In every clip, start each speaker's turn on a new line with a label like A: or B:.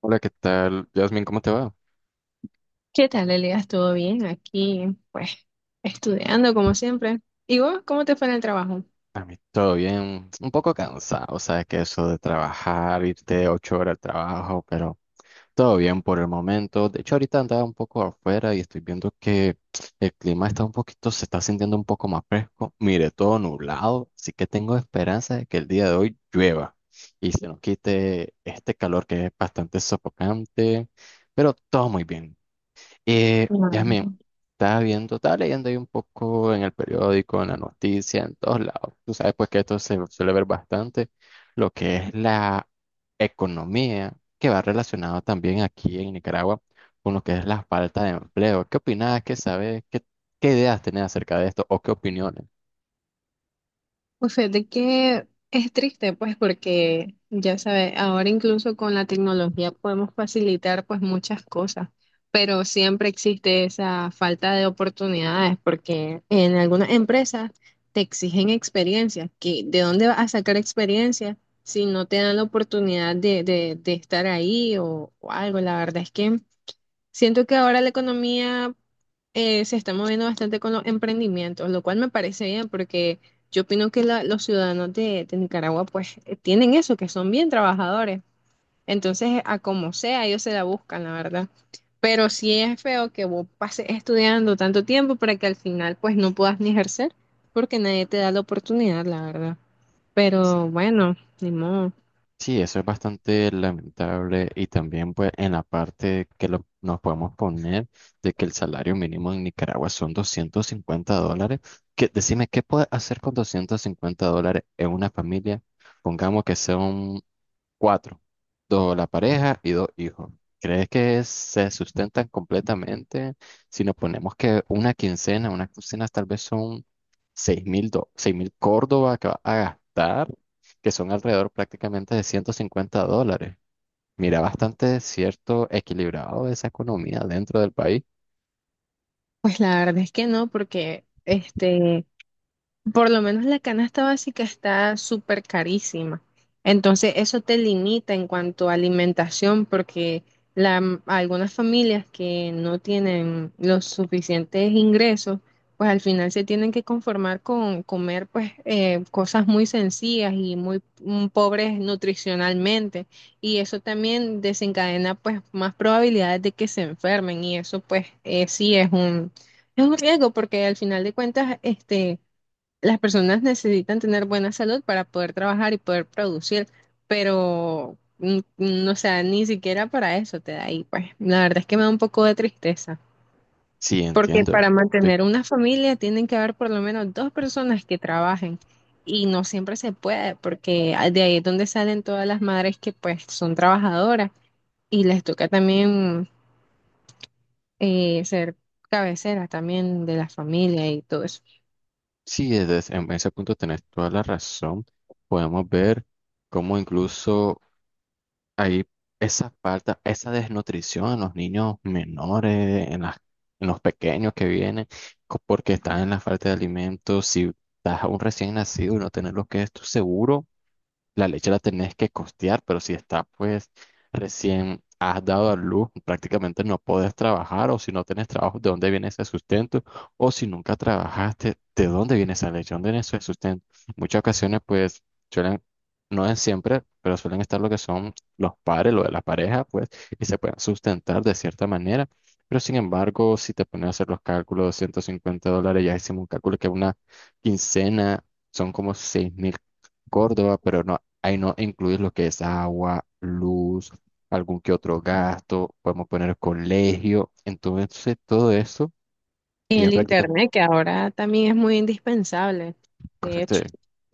A: Hola, ¿qué tal? Yasmin, ¿cómo te va?
B: ¿Qué tal, Elías? ¿Todo bien? Aquí, pues, estudiando como siempre. ¿Y vos, cómo te fue en el trabajo?
A: A mí todo bien, un poco cansado, sabes que eso de trabajar, irte 8 horas al trabajo, pero todo bien por el momento. De hecho, ahorita andaba un poco afuera y estoy viendo que el clima está un poquito, se está sintiendo un poco más fresco. Mire, todo nublado, así que tengo esperanza de que el día de hoy llueva y se nos quite este calor que es bastante sofocante, pero todo muy bien. Yasmin,
B: Mm.
A: estaba viendo, estaba leyendo ahí un poco en el periódico, en la noticia, en todos lados. Tú sabes pues que esto se suele ver bastante, lo que es la economía, que va relacionado también aquí en Nicaragua con lo que es la falta de empleo. ¿Qué opinas? ¿Qué sabes? ¿Qué ideas tenés acerca de esto o qué opiniones?
B: Pues fíjate que es triste, pues, porque ya sabes, ahora incluso con la tecnología podemos facilitar, pues, muchas cosas, pero siempre existe esa falta de oportunidades, porque en algunas empresas te exigen experiencia, que ¿de dónde vas a sacar experiencia si no te dan la oportunidad de estar ahí o algo? La verdad es que. Siento que ahora la economía se está moviendo bastante con los emprendimientos, lo cual me parece bien porque yo opino que los ciudadanos de Nicaragua pues tienen eso, que son bien trabajadores. Entonces, a como sea, ellos se la buscan, la verdad. Pero sí es feo que vos pases estudiando tanto tiempo para que al final pues no puedas ni ejercer porque nadie te da la oportunidad, la verdad. Pero bueno, ni modo.
A: Sí, eso es bastante lamentable y también pues en la parte que nos podemos poner de que el salario mínimo en Nicaragua son $250, que decime, ¿qué puede hacer con $250 en una familia? Pongamos que sea cuatro, dos la pareja y dos hijos. ¿Crees que se sustentan completamente? Si nos ponemos que una quincena tal vez son 6,000 Córdoba que vas a gastar, que son alrededor prácticamente de $150. Mira, bastante cierto, equilibrado esa economía dentro del país.
B: Pues la verdad es que no, porque este. Por lo menos la canasta básica está súper carísima. Entonces eso te limita en cuanto a alimentación porque algunas familias que no tienen los suficientes ingresos, pues al final se tienen que conformar con comer pues cosas muy sencillas y muy pobres nutricionalmente. Y eso también desencadena pues más probabilidades de que se enfermen y eso pues sí es un riesgo porque al final de cuentas este las personas necesitan tener buena salud para poder trabajar y poder producir, pero o sea, ni siquiera para eso te da ahí, pues. La verdad es que me da un poco de tristeza,
A: Sí,
B: porque
A: entiendo.
B: para
A: Sí,
B: mantener una familia tienen que haber por lo menos dos personas que trabajen y no siempre se puede, porque de ahí es donde salen todas las madres que pues son trabajadoras y les toca también ser cabecera también de la familia y todo eso.
A: sí, en ese punto tenés toda la razón. Podemos ver cómo incluso hay esa falta, esa desnutrición en los niños menores, en las, en los pequeños que vienen, porque están en la falta de alimentos. Si estás a un recién nacido y no tener lo que es tu seguro. La leche la tenés que costear, pero si está, pues, recién has dado a luz, prácticamente no podés trabajar, o si no tenés trabajo, ¿de dónde viene ese sustento? O si nunca trabajaste, ¿de dónde viene esa leche? ¿Dónde viene ese sustento? Muchas ocasiones, pues, suelen, no es siempre, pero suelen estar lo que son los padres, lo de la pareja, pues, y se pueden sustentar de cierta manera. Pero sin embargo, si te pones a hacer los cálculos de $150, ya hicimos un cálculo que una quincena son como 6,000 Córdoba, pero no, ahí no incluir lo que es agua, luz, algún que otro gasto, podemos poner colegio. Entonces, todo eso
B: Y
A: ya
B: el
A: prácticamente.
B: internet, que ahora también es muy indispensable, de
A: Correcto.
B: hecho.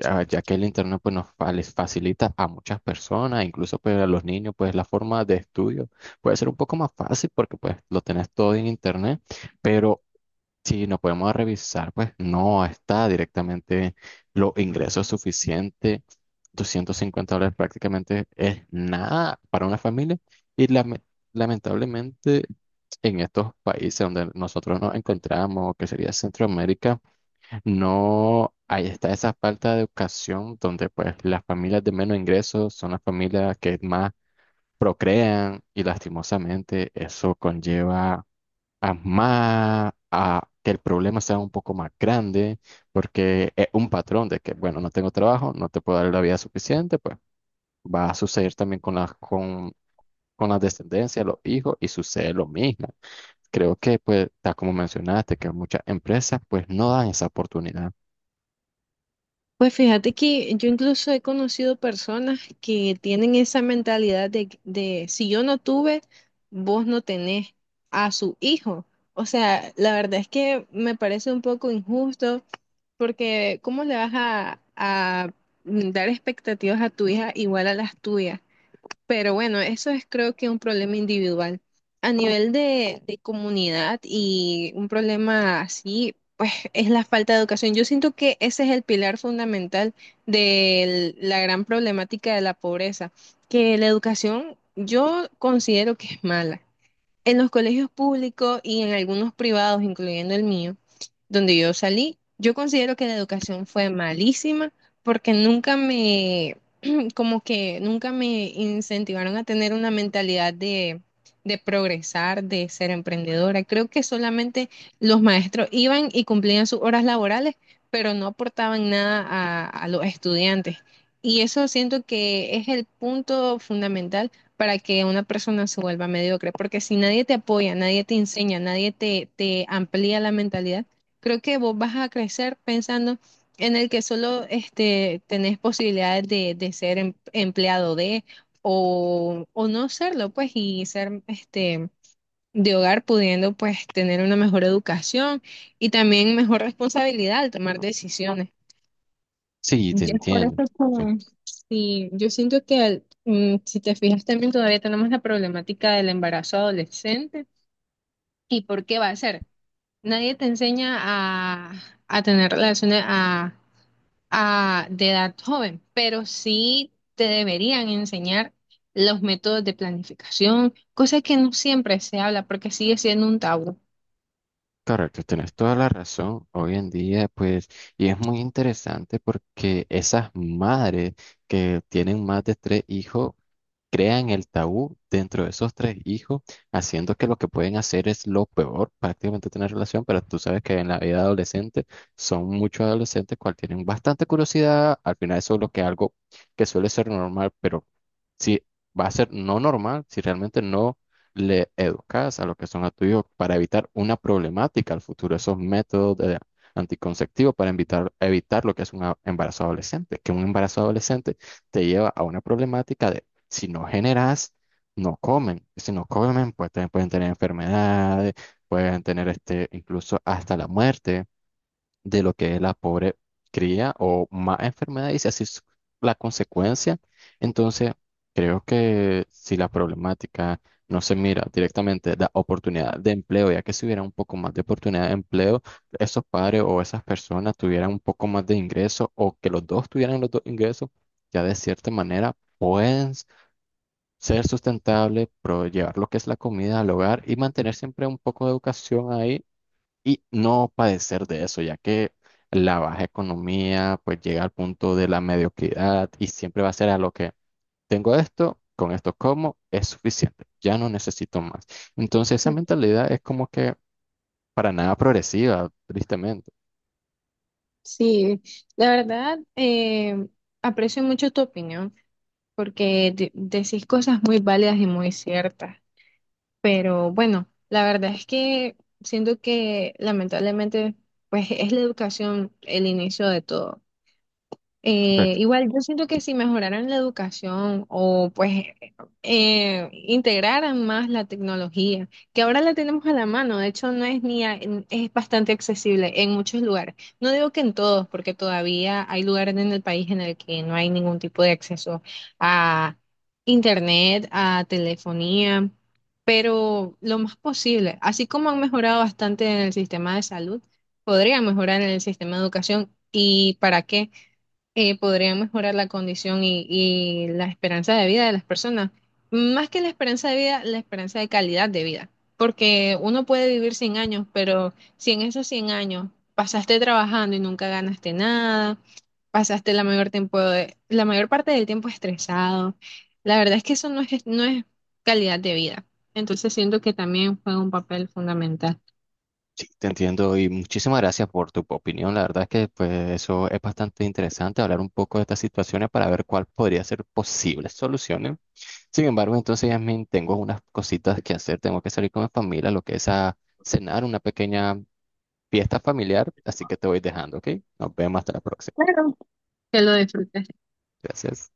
A: Ya, ya que el internet pues les facilita a muchas personas, incluso pues a los niños, pues la forma de estudio puede ser un poco más fácil porque pues lo tenés todo en internet, pero si nos podemos revisar, pues no está directamente los ingresos suficientes. $250 prácticamente es nada para una familia y lamentablemente en estos países donde nosotros nos encontramos, que sería Centroamérica, no, ahí está esa falta de educación donde pues las familias de menos ingresos son las familias que más procrean y lastimosamente eso conlleva a más a que el problema sea un poco más grande porque es un patrón de que bueno, no tengo trabajo, no te puedo dar la vida suficiente, pues va a suceder también con las con la descendencia, los hijos, y sucede lo mismo. Creo que, pues, tal como mencionaste, que muchas empresas, pues, no dan esa oportunidad.
B: Pues fíjate que yo incluso he conocido personas que tienen esa mentalidad de, si yo no tuve, vos no tenés a su hijo. O sea, la verdad es que me parece un poco injusto porque ¿cómo le vas a dar expectativas a tu hija igual a las tuyas? Pero bueno, eso es creo que un problema individual. A nivel de comunidad y un problema así, pues es la falta de educación. Yo siento que ese es el pilar fundamental de la gran problemática de la pobreza, que la educación yo considero que es mala. En los colegios públicos y en algunos privados, incluyendo el mío, donde yo salí, yo considero que la educación fue malísima porque nunca me, como que nunca me incentivaron a tener una mentalidad de progresar, de ser emprendedora. Creo que solamente los maestros iban y cumplían sus horas laborales, pero no aportaban nada a los estudiantes. Y eso siento que es el punto fundamental para que una persona se vuelva mediocre, porque si nadie te apoya, nadie te enseña, nadie te amplía la mentalidad, creo que vos vas a crecer pensando en el que solo este, tenés posibilidades de ser empleado de o no serlo, pues, y ser este, de hogar pudiendo, pues, tener una mejor educación y también mejor responsabilidad al tomar decisiones.
A: Sí, te
B: Ya es por eso
A: entiendo. Sí,
B: que sí, yo siento que si te fijas también todavía tenemos la problemática del embarazo adolescente y por qué va a ser. Nadie te enseña a tener relaciones, de edad joven, pero sí te deberían enseñar los métodos de planificación, cosa que no siempre se habla porque sigue siendo un tabú.
A: correcto, tienes toda la razón. Hoy en día, pues, y es muy interesante porque esas madres que tienen más de tres hijos, crean el tabú dentro de esos tres hijos, haciendo que lo que pueden hacer es lo peor, prácticamente tener relación, pero tú sabes que en la vida adolescente son muchos adolescentes cual tienen bastante curiosidad, al final eso es lo que algo que suele ser normal, pero si va a ser no normal, si realmente no le educas a lo que son a tu hijo para evitar una problemática al futuro, esos métodos de anticonceptivos para evitar lo que es un embarazo adolescente, que un embarazo adolescente te lleva a una problemática de si no generas, no comen. Si no comen, pues pueden tener enfermedades, pueden tener este, incluso hasta la muerte de lo que es la pobre cría o más enfermedad y si así es la consecuencia. Entonces, creo que si la problemática no se mira directamente da oportunidad de empleo, ya que si hubiera un poco más de oportunidad de empleo, esos padres o esas personas tuvieran un poco más de ingresos o que los dos tuvieran los dos ingresos, ya de cierta manera pueden ser sustentable, llevar lo que es la comida al hogar y mantener siempre un poco de educación ahí y no padecer de eso, ya que la baja economía pues llega al punto de la mediocridad y siempre va a ser a lo que tengo esto, con esto como, es suficiente, ya no necesito más. Entonces esa mentalidad es como que para nada progresiva, tristemente.
B: Sí, la verdad, aprecio mucho tu opinión porque decís cosas muy válidas y muy ciertas, pero bueno, la verdad es que siento que lamentablemente pues es la educación el inicio de todo. Igual yo siento que si mejoraran la educación o pues integraran más la tecnología, que ahora la tenemos a la mano, de hecho no es ni es bastante accesible en muchos lugares. No digo que en todos, porque todavía hay lugares en el país en el que no hay ningún tipo de acceso a internet, a telefonía, pero lo más posible, así como han mejorado bastante en el sistema de salud, podrían mejorar en el sistema de educación. ¿Y para qué? Podría mejorar la condición y la esperanza de vida de las personas. Más que la esperanza de vida, la esperanza de calidad de vida. Porque uno puede vivir 100 años, pero si en esos 100 años pasaste trabajando y nunca ganaste nada, pasaste la mayor parte del tiempo estresado, la verdad es que eso no es calidad de vida. Entonces siento que también juega un papel fundamental.
A: Sí, te entiendo y muchísimas gracias por tu opinión. La verdad es que pues, eso es bastante interesante, hablar un poco de estas situaciones para ver cuál podría ser posibles soluciones. Sin embargo, entonces, Yasmin, tengo unas cositas que hacer. Tengo que salir con mi familia, lo que es a cenar, una pequeña fiesta familiar. Así que te voy dejando, ¿ok? Nos vemos hasta la próxima.
B: Que lo disfrutes.
A: Gracias.